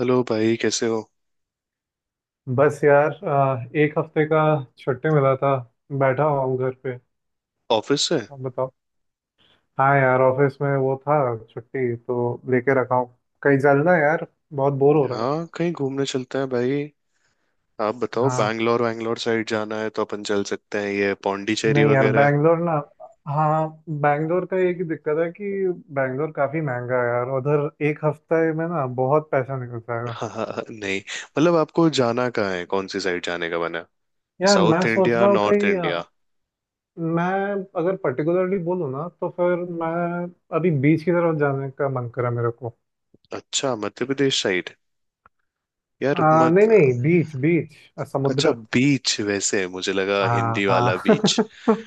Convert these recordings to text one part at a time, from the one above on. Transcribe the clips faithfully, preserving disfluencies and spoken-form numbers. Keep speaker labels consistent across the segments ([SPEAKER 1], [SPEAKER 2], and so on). [SPEAKER 1] Hello भाई, कैसे हो?
[SPEAKER 2] बस यार, अ, एक हफ्ते का छुट्टी मिला था। बैठा हुआ हूँ घर पे।
[SPEAKER 1] ऑफिस से?
[SPEAKER 2] आप बताओ। हाँ यार, ऑफिस में वो था। छुट्टी तो लेके रखा हूँ। कहीं चलना है यार, बहुत बोर हो रहा है।
[SPEAKER 1] हाँ, कहीं घूमने चलते हैं भाई। आप बताओ,
[SPEAKER 2] हाँ,
[SPEAKER 1] बैंगलोर वैंगलोर साइड जाना है तो अपन चल सकते हैं, ये पौंडीचेरी
[SPEAKER 2] नहीं यार,
[SPEAKER 1] वगैरह।
[SPEAKER 2] बैंगलोर ना। हाँ, बैंगलोर का एक ही दिक्कत है कि बैंगलोर काफी महंगा है यार, उधर एक हफ्ते में ना बहुत पैसा निकल जाएगा।
[SPEAKER 1] हाँ हाँ, हाँ, नहीं मतलब आपको जाना कहाँ है, कौन सी साइड जाने का बना?
[SPEAKER 2] यार मैं
[SPEAKER 1] साउथ
[SPEAKER 2] सोच
[SPEAKER 1] इंडिया,
[SPEAKER 2] रहा हूँ
[SPEAKER 1] नॉर्थ
[SPEAKER 2] कहीं
[SPEAKER 1] इंडिया?
[SPEAKER 2] अ, मैं अगर पर्टिकुलरली बोलूँ ना तो फिर मैं अभी बीच की तरफ जाने का मन करा मेरे को।
[SPEAKER 1] अच्छा मध्य प्रदेश साइड? यार
[SPEAKER 2] आ, नहीं
[SPEAKER 1] मत।
[SPEAKER 2] नहीं, बीच बीच, अ,
[SPEAKER 1] अच्छा
[SPEAKER 2] समुद्र।
[SPEAKER 1] बीच, वैसे मुझे लगा
[SPEAKER 2] हाँ
[SPEAKER 1] हिंदी
[SPEAKER 2] हाँ
[SPEAKER 1] वाला बीच,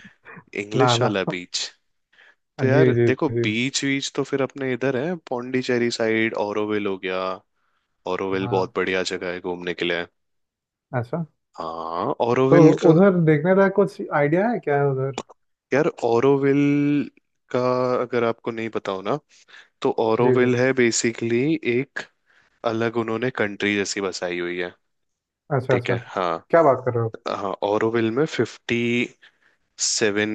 [SPEAKER 2] ना
[SPEAKER 1] इंग्लिश वाला
[SPEAKER 2] ना।
[SPEAKER 1] बीच। तो
[SPEAKER 2] जी
[SPEAKER 1] यार
[SPEAKER 2] जी
[SPEAKER 1] देखो,
[SPEAKER 2] जी।
[SPEAKER 1] बीच बीच तो फिर अपने इधर है पौंडीचेरी साइड, ऑरोविल हो गया। ओरोविल
[SPEAKER 2] हाँ।
[SPEAKER 1] बहुत बढ़िया जगह है घूमने के लिए।
[SPEAKER 2] अच्छा,
[SPEAKER 1] हाँ
[SPEAKER 2] तो
[SPEAKER 1] ओरोविल का।
[SPEAKER 2] उधर देखने का कुछ आइडिया है क्या उधर?
[SPEAKER 1] यार ओरोविल का, अगर आपको नहीं पता हो ना, तो
[SPEAKER 2] जी जी।
[SPEAKER 1] ओरोविल है बेसिकली एक, अलग उन्होंने कंट्री जैसी बसाई हुई है।
[SPEAKER 2] अच्छा
[SPEAKER 1] ठीक
[SPEAKER 2] अच्छा
[SPEAKER 1] है
[SPEAKER 2] अच्छा।
[SPEAKER 1] हाँ।
[SPEAKER 2] क्या बात कर रहे हो!
[SPEAKER 1] हाँ ओरोविल में फिफ्टी सेवन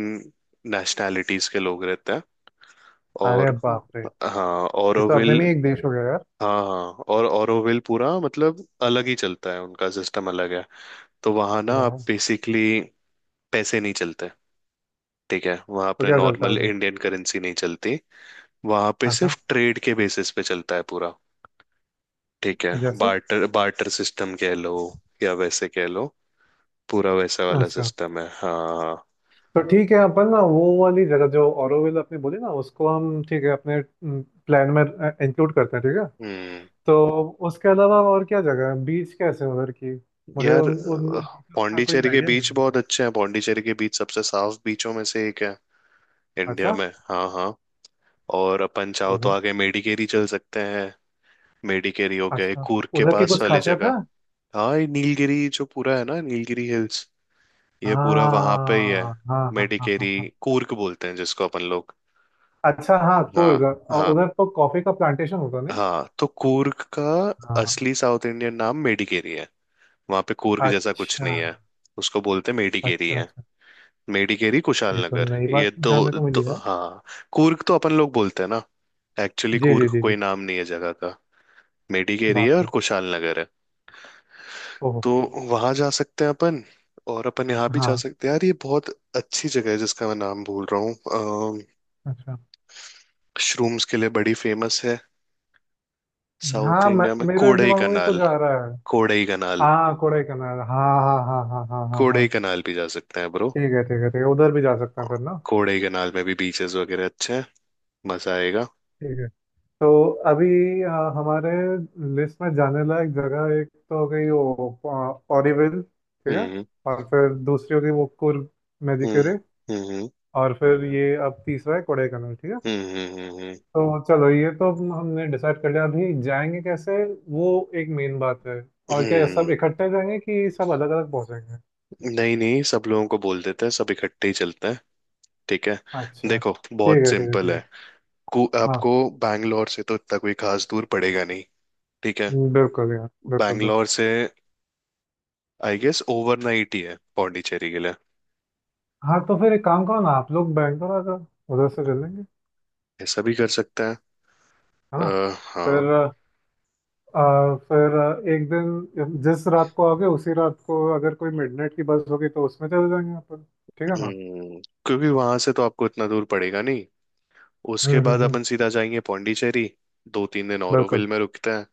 [SPEAKER 1] नेशनैलिटीज के लोग रहते हैं। और
[SPEAKER 2] अरे बाप रे! ये
[SPEAKER 1] हाँ
[SPEAKER 2] तो अपने
[SPEAKER 1] ओरोविल।
[SPEAKER 2] में ही एक देश हो गया यार।
[SPEAKER 1] हाँ हाँ, और ओरोविल पूरा मतलब अलग ही चलता है, उनका सिस्टम अलग है। तो वहां ना आप
[SPEAKER 2] वाह।
[SPEAKER 1] बेसिकली पैसे नहीं चलते, ठीक है, वहां
[SPEAKER 2] तो
[SPEAKER 1] पे
[SPEAKER 2] क्या चलता है
[SPEAKER 1] नॉर्मल
[SPEAKER 2] उधर?
[SPEAKER 1] इंडियन करेंसी नहीं चलती। वहां पे
[SPEAKER 2] अच्छा।
[SPEAKER 1] सिर्फ ट्रेड के बेसिस पे चलता है पूरा। ठीक है,
[SPEAKER 2] जैसे।
[SPEAKER 1] बार्टर बार्टर सिस्टम कह लो या वैसे कह लो, पूरा वैसा वाला
[SPEAKER 2] अच्छा,
[SPEAKER 1] सिस्टम है हाँ।
[SPEAKER 2] तो ठीक है, अपन ना वो वाली जगह जो ऑरोविल अपने बोली ना, उसको हम, ठीक है, अपने प्लान में इंक्लूड करते हैं, ठीक है।
[SPEAKER 1] हम्म।
[SPEAKER 2] तो उसके अलावा और क्या जगह है? बीच कैसे हैं उधर की? मुझे
[SPEAKER 1] यार,
[SPEAKER 2] उन उन
[SPEAKER 1] अ,
[SPEAKER 2] बीचेस का कोई
[SPEAKER 1] पौंडीचेरी के
[SPEAKER 2] आइडिया नहीं है
[SPEAKER 1] बीच
[SPEAKER 2] मेरे
[SPEAKER 1] बहुत
[SPEAKER 2] को।
[SPEAKER 1] अच्छे हैं, पौंडीचेरी के बीच सबसे साफ बीचों में से एक है इंडिया
[SPEAKER 2] अच्छा।
[SPEAKER 1] में। हाँ हाँ। और अपन चाहो तो
[SPEAKER 2] ओहो।
[SPEAKER 1] आगे मेडिकेरी चल सकते हैं। मेडिकेरी हो गया ये
[SPEAKER 2] अच्छा,
[SPEAKER 1] कूर्ग के
[SPEAKER 2] उधर की
[SPEAKER 1] पास
[SPEAKER 2] कुछ
[SPEAKER 1] वाली
[SPEAKER 2] खासियत है?
[SPEAKER 1] जगह। हाँ, ये नीलगिरी जो पूरा है ना, नीलगिरी हिल्स, ये पूरा वहां पे ही है।
[SPEAKER 2] हाँ हाँ हाँ हाँ हाँ
[SPEAKER 1] मेडिकेरी
[SPEAKER 2] हाँ।
[SPEAKER 1] कूर्ग बोलते हैं जिसको अपन लोग।
[SPEAKER 2] अच्छा, हाँ
[SPEAKER 1] हाँ
[SPEAKER 2] कोलगा। और
[SPEAKER 1] हाँ।
[SPEAKER 2] उधर तो कॉफी का प्लांटेशन होता नहीं?
[SPEAKER 1] हाँ, तो कूर्ग का
[SPEAKER 2] हाँ।
[SPEAKER 1] असली साउथ इंडियन नाम मेडिकेरी है, वहां पे कूर्ग जैसा कुछ
[SPEAKER 2] अच्छा
[SPEAKER 1] नहीं है। उसको बोलते हैं मेडिकेरी
[SPEAKER 2] अच्छा
[SPEAKER 1] है।
[SPEAKER 2] अच्छा,
[SPEAKER 1] मेडिकेरी
[SPEAKER 2] ये
[SPEAKER 1] कुशाल
[SPEAKER 2] तो
[SPEAKER 1] नगर।
[SPEAKER 2] नई
[SPEAKER 1] ये
[SPEAKER 2] बात
[SPEAKER 1] दो,
[SPEAKER 2] जानने को मिली
[SPEAKER 1] दो
[SPEAKER 2] है।
[SPEAKER 1] हाँ। कूर्ग तो अपन लोग बोलते हैं ना, एक्चुअली
[SPEAKER 2] जी जी
[SPEAKER 1] कूर्ग
[SPEAKER 2] जी जी।
[SPEAKER 1] कोई नाम नहीं है जगह का, मेडिकेरी है
[SPEAKER 2] बाप
[SPEAKER 1] और
[SPEAKER 2] रे,
[SPEAKER 1] कुशाल नगर है।
[SPEAKER 2] ओहो।
[SPEAKER 1] तो वहां जा सकते हैं अपन। और अपन यहाँ भी जा
[SPEAKER 2] हाँ,
[SPEAKER 1] सकते हैं यार, ये बहुत अच्छी जगह है जिसका मैं नाम भूल रहा हूँ।
[SPEAKER 2] अच्छा।
[SPEAKER 1] मशरूम्स के लिए बड़ी फेमस है, साउथ
[SPEAKER 2] हाँ, मैं,
[SPEAKER 1] इंडिया में,
[SPEAKER 2] मेरे
[SPEAKER 1] कोडई
[SPEAKER 2] दिमाग में भी कुछ
[SPEAKER 1] कनाल।
[SPEAKER 2] आ रहा है।
[SPEAKER 1] कोडई कनाल।
[SPEAKER 2] हाँ कोडाईकनाल, हाँ हाँ हाँ हाँ हाँ हाँ हाँ।
[SPEAKER 1] कोडई कनाल भी जा सकते हैं ब्रो।
[SPEAKER 2] ठीक है ठीक है ठीक है, उधर भी जा सकते हैं फिर ना।
[SPEAKER 1] कोडई कनाल में भी बीचेस वगैरह अच्छे हैं, मजा आएगा।
[SPEAKER 2] ठीक है, तो अभी अ, हमारे लिस्ट में जाने लायक जगह एक तो हो गई वो ऑरीविल, ठीक है।
[SPEAKER 1] हम्म
[SPEAKER 2] और फिर दूसरी हो गई वो कुर्ग
[SPEAKER 1] हम्म
[SPEAKER 2] मेडिकेरे।
[SPEAKER 1] हम्म,
[SPEAKER 2] और फिर ये अब तीसरा है कोडाइकनाल, ठीक है।
[SPEAKER 1] हम्म हम्म हम्म, हम्म।
[SPEAKER 2] तो चलो, ये तो हम- हमने डिसाइड कर लिया। अभी जाएंगे कैसे, वो एक मेन बात है। और क्या ये
[SPEAKER 1] हम्म।
[SPEAKER 2] सब इकट्ठे जाएंगे कि सब अलग अलग पहुंचेंगे?
[SPEAKER 1] नहीं नहीं, सब लोगों को बोल देते हैं, सब इकट्ठे ही चलते हैं। ठीक है,
[SPEAKER 2] अच्छा
[SPEAKER 1] देखो
[SPEAKER 2] ठीक
[SPEAKER 1] बहुत
[SPEAKER 2] है ठीक है ठीक
[SPEAKER 1] सिंपल
[SPEAKER 2] है।
[SPEAKER 1] है। कु-
[SPEAKER 2] हाँ,
[SPEAKER 1] आपको बैंगलोर से तो इतना कोई खास दूर पड़ेगा नहीं। ठीक है,
[SPEAKER 2] बिल्कुल यार, बिल्कुल
[SPEAKER 1] बैंगलोर
[SPEAKER 2] बिल्कुल।
[SPEAKER 1] से आई गेस ओवरनाइट ही है पौंडीचेरी के लिए।
[SPEAKER 2] हाँ, तो फिर एक काम करो ना, आप लोग बैंगलोर आ जाओ, उधर से चलेंगे,
[SPEAKER 1] ऐसा भी कर सकते हैं।
[SPEAKER 2] है
[SPEAKER 1] अ,
[SPEAKER 2] ना?
[SPEAKER 1] हाँ।
[SPEAKER 2] फिर अ, फिर एक दिन जिस रात को आओगे उसी रात को अगर कोई मिडनाइट की बस होगी तो उसमें चले जाएंगे अपन, ठीक है ना?
[SPEAKER 1] हम्म, क्योंकि वहां से तो आपको इतना दूर पड़ेगा नहीं। उसके
[SPEAKER 2] हम्म
[SPEAKER 1] बाद
[SPEAKER 2] हम्म हम्म,
[SPEAKER 1] अपन सीधा जाएंगे पौंडीचेरी, दो तीन दिन
[SPEAKER 2] बिल्कुल।
[SPEAKER 1] ओरोविल में रुकते हैं।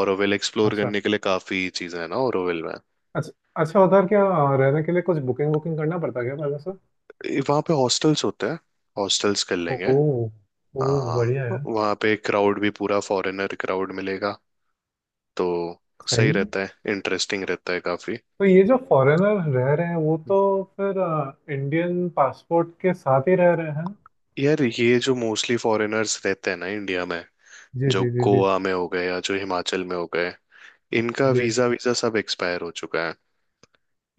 [SPEAKER 1] ओरोविल एक्सप्लोर
[SPEAKER 2] अच्छा
[SPEAKER 1] करने के लिए काफी चीजें हैं ना ओरोविल में।
[SPEAKER 2] अच्छा अच्छा, उधर क्या अ, रहने के लिए कुछ बुकिंग वुकिंग करना पड़ता है क्या पहले से?
[SPEAKER 1] ए, वहाँ पे हॉस्टल्स होते हैं, हॉस्टल्स कर लेंगे।
[SPEAKER 2] ओह। ओह
[SPEAKER 1] हाँ,
[SPEAKER 2] बढ़िया यार।
[SPEAKER 1] वहाँ पे क्राउड भी पूरा फॉरेनर क्राउड मिलेगा, तो सही
[SPEAKER 2] सही है।
[SPEAKER 1] रहता है, इंटरेस्टिंग रहता है काफी।
[SPEAKER 2] तो ये जो फॉरेनर रह रहे हैं वो तो फिर आ, इंडियन पासपोर्ट के साथ ही रह रहे हैं?
[SPEAKER 1] यार, ये जो मोस्टली फॉरेनर्स रहते हैं ना इंडिया में,
[SPEAKER 2] जी
[SPEAKER 1] जो
[SPEAKER 2] जी जी जी
[SPEAKER 1] गोवा में हो गए या जो हिमाचल में हो गए, इनका
[SPEAKER 2] जी।
[SPEAKER 1] वीजा वीजा सब एक्सपायर हो चुका है।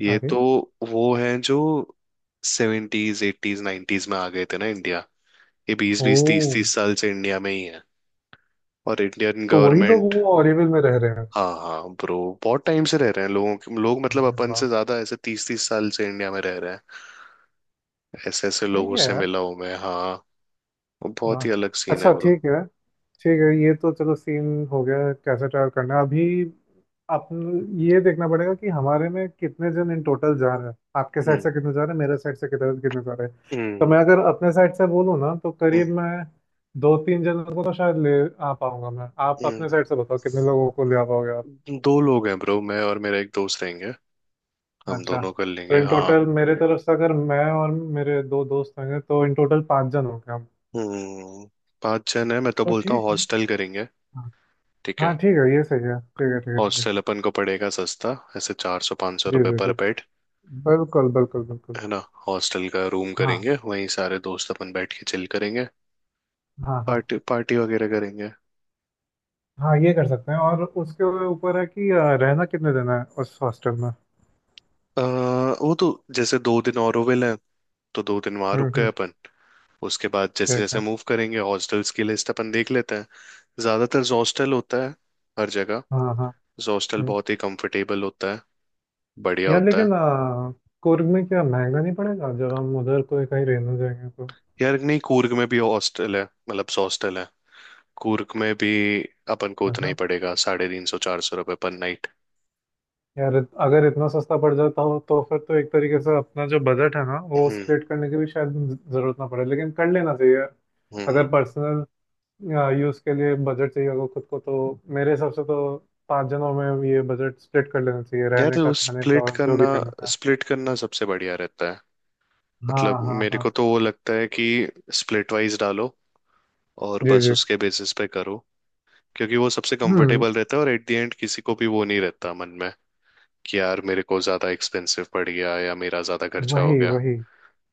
[SPEAKER 1] ये
[SPEAKER 2] अरे।
[SPEAKER 1] तो वो हैं जो सेवेंटीज एटीज नाइन्टीज में आ गए थे ना इंडिया, ये बीस
[SPEAKER 2] ओ,
[SPEAKER 1] बीस तीस तीस साल से इंडिया में ही है। और इंडियन
[SPEAKER 2] तो वही लोग
[SPEAKER 1] गवर्नमेंट।
[SPEAKER 2] वो ऑरेविल में रह रहे हैं?
[SPEAKER 1] हाँ हाँ ब्रो, बहुत टाइम से रह रहे हैं, लोगों के लोग मतलब
[SPEAKER 2] अरे
[SPEAKER 1] अपन
[SPEAKER 2] वाह।
[SPEAKER 1] से ज्यादा, ऐसे तीस तीस साल से इंडिया में रह रहे हैं। ऐसे ऐसे
[SPEAKER 2] सही
[SPEAKER 1] लोगों
[SPEAKER 2] है
[SPEAKER 1] से
[SPEAKER 2] यार।
[SPEAKER 1] मिला हूं मैं हाँ। बहुत
[SPEAKER 2] वाह।
[SPEAKER 1] ही अलग सीन है
[SPEAKER 2] अच्छा
[SPEAKER 1] ब्रो।
[SPEAKER 2] ठीक है ठीक है, ये तो चलो सीन हो गया कैसे ट्रैवल करना है। अभी अपन ये देखना पड़ेगा कि हमारे में कितने जन इन टोटल जा रहे हैं, आपके साइड
[SPEAKER 1] हम्म
[SPEAKER 2] से कितने जा रहे हैं, मेरे साइड से कितने कितने जा रहे हैं। तो
[SPEAKER 1] हम्म
[SPEAKER 2] मैं अगर अपने साइड से बोलूँ ना तो
[SPEAKER 1] हम्म,
[SPEAKER 2] करीब मैं दो तीन जनों को तो शायद ले आ पाऊंगा मैं। आप अपने साइड से बताओ कितने लोगों को ले आ पाओगे आप।
[SPEAKER 1] हम्म। दो लोग हैं ब्रो, मैं और मेरा एक दोस्त रहेंगे, हम
[SPEAKER 2] अच्छा,
[SPEAKER 1] दोनों कर
[SPEAKER 2] तो
[SPEAKER 1] लेंगे
[SPEAKER 2] इन
[SPEAKER 1] हाँ।
[SPEAKER 2] टोटल मेरे तरफ से अगर मैं और मेरे दो दोस्त होंगे तो इन टोटल पाँच जन होंगे हम,
[SPEAKER 1] हम्म। पांच जन है, मैं तो
[SPEAKER 2] तो
[SPEAKER 1] बोलता हूँ
[SPEAKER 2] ठीक है।
[SPEAKER 1] हॉस्टल करेंगे।
[SPEAKER 2] हाँ
[SPEAKER 1] ठीक
[SPEAKER 2] हाँ,
[SPEAKER 1] है।
[SPEAKER 2] ठीक है, ये सही है, ठीक है ठीक है ठीक है।
[SPEAKER 1] हॉस्टल अपन को पड़ेगा सस्ता, ऐसे चार सौ पाँच सौ
[SPEAKER 2] जी
[SPEAKER 1] रुपये
[SPEAKER 2] जी
[SPEAKER 1] पर
[SPEAKER 2] जी,
[SPEAKER 1] बेड,
[SPEAKER 2] बिल्कुल बिल्कुल बिल्कुल।
[SPEAKER 1] है ना। हॉस्टल का रूम
[SPEAKER 2] हाँ
[SPEAKER 1] करेंगे, वहीं सारे दोस्त अपन बैठ के चिल करेंगे,
[SPEAKER 2] हाँ हाँ
[SPEAKER 1] पार्टी पार्टी वगैरह करेंगे।
[SPEAKER 2] हाँ, ये कर सकते हैं। और उसके ऊपर है कि अ, रहना कितने दिन है उस हॉस्टल में?
[SPEAKER 1] आ, वो तो, जैसे दो दिन ऑरोविल है तो दो दिन वहां
[SPEAKER 2] हम्म
[SPEAKER 1] रुक गए
[SPEAKER 2] हम्म।
[SPEAKER 1] अपन। उसके बाद जैसे
[SPEAKER 2] ठीक
[SPEAKER 1] जैसे
[SPEAKER 2] है,
[SPEAKER 1] मूव करेंगे, हॉस्टल्स की लिस्ट अपन देख लेते हैं। ज्यादातर हॉस्टल होता है हर जगह,
[SPEAKER 2] हाँ हाँ।
[SPEAKER 1] हॉस्टल
[SPEAKER 2] हम्म।
[SPEAKER 1] बहुत ही कंफर्टेबल होता है, बढ़िया
[SPEAKER 2] यार
[SPEAKER 1] होता है।
[SPEAKER 2] लेकिन अ, कुर्ग में क्या महंगा नहीं पड़ेगा जब हम उधर कोई कहीं रहने जाएंगे तो?
[SPEAKER 1] यार नहीं, कूर्ग में भी हॉस्टल है, मतलब हॉस्टल है कूर्ग में भी, अपन को उतना ही
[SPEAKER 2] अच्छा।
[SPEAKER 1] पड़ेगा, साढ़े तीन सौ चार सौ रुपये पर नाइट।
[SPEAKER 2] यार इत- अगर इतना सस्ता पड़ जाता हो तो फिर तो एक तरीके से अपना जो बजट है ना वो
[SPEAKER 1] हम्म
[SPEAKER 2] स्प्लिट करने की भी शायद ज- जरूरत ना पड़े, लेकिन कर लेना चाहिए यार।
[SPEAKER 1] हम्म
[SPEAKER 2] अगर
[SPEAKER 1] हम्म।
[SPEAKER 2] पर्सनल यूज के लिए बजट चाहिए होगा खुद को तो मेरे हिसाब से तो पांच जनों में ये बजट स्प्लिट कर लेना चाहिए,
[SPEAKER 1] यार,
[SPEAKER 2] रहने
[SPEAKER 1] वो
[SPEAKER 2] का, खाने का
[SPEAKER 1] स्प्लिट
[SPEAKER 2] और जो
[SPEAKER 1] करना
[SPEAKER 2] भी करने का।
[SPEAKER 1] स्प्लिट करना सबसे बढ़िया रहता है।
[SPEAKER 2] हाँ
[SPEAKER 1] मतलब
[SPEAKER 2] हाँ
[SPEAKER 1] मेरे
[SPEAKER 2] हाँ।
[SPEAKER 1] को तो वो लगता है कि स्प्लिट वाइज डालो और
[SPEAKER 2] जी
[SPEAKER 1] बस
[SPEAKER 2] जी।
[SPEAKER 1] उसके बेसिस पे करो, क्योंकि वो सबसे
[SPEAKER 2] हम्म।
[SPEAKER 1] कंफर्टेबल रहता है, और एट द एंड किसी को भी वो नहीं रहता मन में कि यार मेरे को ज्यादा एक्सपेंसिव पड़ गया या मेरा ज्यादा खर्चा हो
[SPEAKER 2] वही
[SPEAKER 1] गया,
[SPEAKER 2] वही।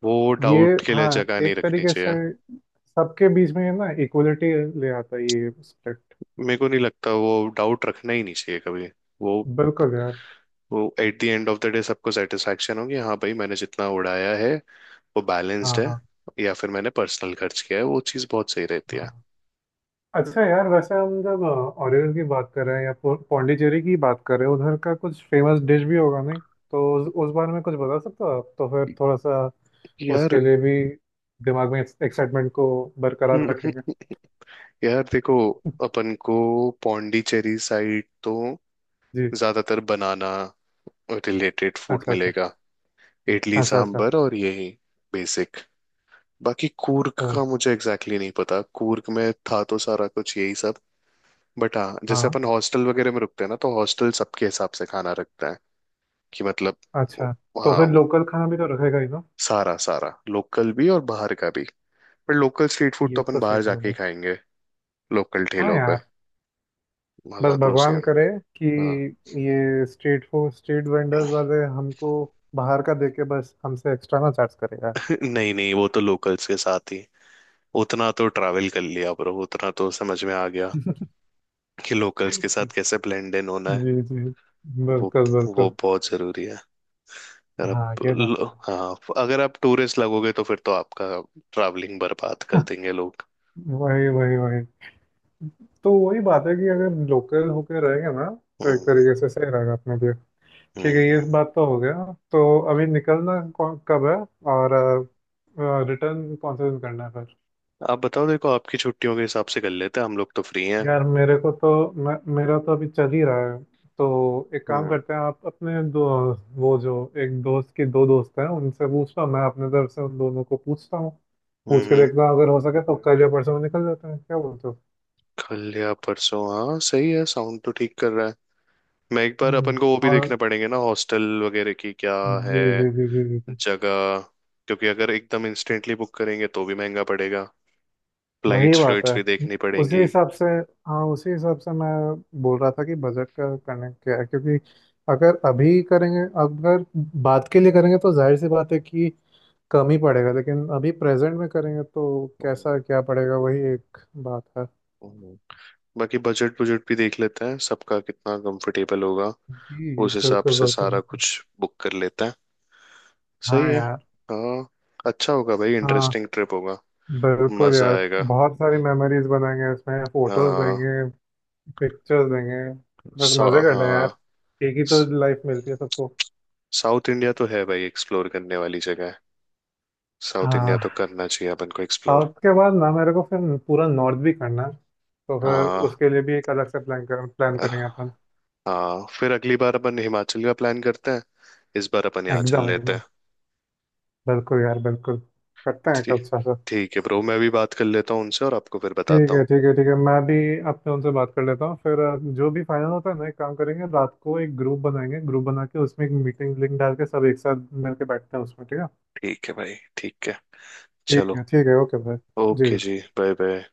[SPEAKER 1] वो
[SPEAKER 2] ये,
[SPEAKER 1] डाउट के लिए
[SPEAKER 2] हाँ,
[SPEAKER 1] जगह नहीं
[SPEAKER 2] एक
[SPEAKER 1] रखनी
[SPEAKER 2] तरीके से
[SPEAKER 1] चाहिए।
[SPEAKER 2] सबके बीच में ये ना इक्वलिटी ले आता है ये स्प्लिट।
[SPEAKER 1] मेरे को नहीं लगता, वो डाउट रखना ही नहीं चाहिए कभी। वो
[SPEAKER 2] बिल्कुल यार।
[SPEAKER 1] वो at the end of the day सबको सेटिस्फेक्शन होगी, हाँ भाई मैंने जितना उड़ाया है वो बैलेंस्ड
[SPEAKER 2] हाँ
[SPEAKER 1] है
[SPEAKER 2] हाँ
[SPEAKER 1] या फिर मैंने पर्सनल खर्च किया है, वो चीज़ बहुत सही रहती है।
[SPEAKER 2] हाँ। अच्छा यार, वैसे हम जब ओरिजिन की बात कर रहे हैं या पो- पौंडीचेरी की बात कर रहे हैं, उधर का कुछ फेमस डिश भी होगा नहीं? तो उस, उस बारे में कुछ बता सकते हो आप तो फिर थोड़ा सा
[SPEAKER 1] यार।
[SPEAKER 2] उसके लिए भी दिमाग में एक्साइटमेंट को बरकरार रखेंगे।
[SPEAKER 1] यार देखो, अपन को पौंडीचेरी साइड तो
[SPEAKER 2] जी।
[SPEAKER 1] ज्यादातर बनाना रिलेटेड फूड
[SPEAKER 2] अच्छा अच्छा
[SPEAKER 1] मिलेगा, इडली
[SPEAKER 2] अच्छा। अच्छा।
[SPEAKER 1] सांभर और यही बेसिक। बाकी कूर्ग
[SPEAKER 2] ओ।
[SPEAKER 1] का मुझे एग्जैक्टली exactly नहीं पता, कूर्ग में था तो सारा कुछ यही सब। बट हाँ, जैसे
[SPEAKER 2] हाँ,
[SPEAKER 1] अपन हॉस्टल वगैरह में रुकते हैं ना, तो हॉस्टल सबके हिसाब से खाना रखता है, कि मतलब
[SPEAKER 2] अच्छा, तो
[SPEAKER 1] हाँ,
[SPEAKER 2] फिर लोकल खाना भी तो रखेगा ही ना?
[SPEAKER 1] सारा सारा लोकल भी और बाहर का भी, पर लोकल स्ट्रीट फूड
[SPEAKER 2] ये
[SPEAKER 1] तो अपन
[SPEAKER 2] तो
[SPEAKER 1] बाहर
[SPEAKER 2] सही
[SPEAKER 1] जाके ही
[SPEAKER 2] होगा।
[SPEAKER 1] खाएंगे, लोकल
[SPEAKER 2] हाँ
[SPEAKER 1] ठेलों पे
[SPEAKER 2] यार,
[SPEAKER 1] मजा
[SPEAKER 2] बस
[SPEAKER 1] तो उसे।
[SPEAKER 2] भगवान करे कि
[SPEAKER 1] हाँ।
[SPEAKER 2] ये स्ट्रीट फूड स्ट्रीट वेंडर्स वाले हमको बाहर का देके बस हमसे एक्स्ट्रा ना चार्ज करे यार।
[SPEAKER 1] नहीं नहीं, वो तो लोकल्स के साथ ही, उतना तो ट्रैवल कर लिया ब्रो, उतना तो समझ में आ गया कि लोकल्स के साथ
[SPEAKER 2] जी
[SPEAKER 1] कैसे ब्लेंड इन होना है।
[SPEAKER 2] जी,
[SPEAKER 1] वो
[SPEAKER 2] बिल्कुल
[SPEAKER 1] वो
[SPEAKER 2] बिल्कुल।
[SPEAKER 1] बहुत जरूरी है। अगर
[SPEAKER 2] हाँ,
[SPEAKER 1] आप
[SPEAKER 2] ये बात
[SPEAKER 1] लो-
[SPEAKER 2] तो है।
[SPEAKER 1] हाँ, अगर आप टूरिस्ट लगोगे तो फिर तो आपका ट्रैवलिंग बर्बाद कर देंगे लोग।
[SPEAKER 2] वही वही वही, तो वही बात है कि अगर लोकल होके रहेंगे ना तो एक
[SPEAKER 1] हम्म
[SPEAKER 2] तरीके से सही रहेगा अपने लिए। ठीक है,
[SPEAKER 1] हम्म।
[SPEAKER 2] ये बात तो हो गया। तो अभी निकलना कौन- कब है और रिटर्न कौन से दिन करना है फिर?
[SPEAKER 1] आप बताओ, देखो आपकी छुट्टियों के हिसाब से कर लेते हैं, हम लोग तो फ्री हैं।
[SPEAKER 2] यार मेरे को तो मैं, मेरा तो अभी चल ही रहा है। तो एक काम
[SPEAKER 1] हम्म
[SPEAKER 2] करते हैं, आप अपने दो, वो जो एक दोस्त की दो दोस्त हैं उनसे पूछता हूँ, मैं अपने तरफ से उन दोनों को पूछता हूँ, पूछ के
[SPEAKER 1] हम्म।
[SPEAKER 2] देखता हूँ, अगर हो सके तो कल या परसों में निकल जाते हैं, क्या बोलते हो?
[SPEAKER 1] कल या परसों, हाँ सही है, साउंड तो ठीक कर रहा है। मैं एक बार अपन
[SPEAKER 2] हम्म,
[SPEAKER 1] को वो भी
[SPEAKER 2] और
[SPEAKER 1] देखने पड़ेंगे ना, हॉस्टल वगैरह की क्या
[SPEAKER 2] जी
[SPEAKER 1] है
[SPEAKER 2] जी जी जी जी जी।
[SPEAKER 1] जगह, क्योंकि अगर एकदम इंस्टेंटली बुक करेंगे तो भी महंगा पड़ेगा,
[SPEAKER 2] वही
[SPEAKER 1] फ्लाइट्स
[SPEAKER 2] बात है,
[SPEAKER 1] फ्लाइट्स भी देखनी
[SPEAKER 2] उसी
[SPEAKER 1] पड़ेंगी।
[SPEAKER 2] हिसाब से। हाँ, उसी हिसाब से मैं बोल रहा था कि बजट का करने क्या है, क्योंकि अगर अभी करेंगे, अगर बात के लिए करेंगे तो जाहिर सी बात है कि कम ही पड़ेगा, लेकिन अभी प्रेजेंट में करेंगे तो कैसा
[SPEAKER 1] हम्म,
[SPEAKER 2] क्या पड़ेगा, वही एक बात है।
[SPEAKER 1] हम्म। बाकी बजट बजट भी देख लेते हैं सबका कितना कंफर्टेबल होगा,
[SPEAKER 2] जी
[SPEAKER 1] उस हिसाब
[SPEAKER 2] बिल्कुल
[SPEAKER 1] से
[SPEAKER 2] बिल्कुल
[SPEAKER 1] सारा
[SPEAKER 2] बिल्कुल।
[SPEAKER 1] कुछ बुक कर लेते हैं,
[SPEAKER 2] हाँ
[SPEAKER 1] सही है।
[SPEAKER 2] यार।
[SPEAKER 1] हाँ, अच्छा होगा भाई,
[SPEAKER 2] हाँ,
[SPEAKER 1] इंटरेस्टिंग ट्रिप होगा,
[SPEAKER 2] बिल्कुल
[SPEAKER 1] मजा
[SPEAKER 2] यार,
[SPEAKER 1] आएगा।
[SPEAKER 2] बहुत सारी मेमोरीज बनाएंगे, इसमें फोटोज
[SPEAKER 1] हाँ।
[SPEAKER 2] लेंगे, पिक्चर्स लेंगे। बस
[SPEAKER 1] सा-
[SPEAKER 2] मजे करना है यार,
[SPEAKER 1] हाँ,
[SPEAKER 2] एक ही तो लाइफ मिलती है सबको।
[SPEAKER 1] साउथ इंडिया तो है भाई एक्सप्लोर करने वाली जगह है, साउथ इंडिया तो
[SPEAKER 2] हाँ,
[SPEAKER 1] करना चाहिए अपन को एक्सप्लोर।
[SPEAKER 2] साउथ के बाद ना मेरे को फिर पूरा नॉर्थ भी करना है, तो फिर
[SPEAKER 1] हाँ
[SPEAKER 2] उसके लिए भी एक अलग से प्लान कर प्लान करेंगे अपन।
[SPEAKER 1] हाँ, फिर अगली बार अपन हिमाचल का प्लान करते हैं, इस बार अपन यहाँ चल
[SPEAKER 2] एकदम
[SPEAKER 1] लेते हैं।
[SPEAKER 2] एकदम, बिल्कुल यार बिल्कुल। करते हैं,
[SPEAKER 1] ठीक,
[SPEAKER 2] कब सा सा
[SPEAKER 1] ठीक है ब्रो, मैं भी बात कर लेता हूँ उनसे और आपको फिर
[SPEAKER 2] ठीक
[SPEAKER 1] बताता हूँ।
[SPEAKER 2] है ठीक है ठीक है, मैं भी अपने उनसे बात कर लेता हूँ फिर अ, जो भी फाइनल होता है ना, एक काम करेंगे, रात को एक ग्रुप बनाएंगे, ग्रुप बना के उसमें एक मीटिंग लिंक डाल के सब एक साथ मिलके बैठते हैं उसमें, ठीक है।
[SPEAKER 1] ठीक है भाई, ठीक है,
[SPEAKER 2] ठीक
[SPEAKER 1] चलो।
[SPEAKER 2] है ठीक है, ओके भाई, जी
[SPEAKER 1] ओके
[SPEAKER 2] जी।
[SPEAKER 1] जी, बाय बाय।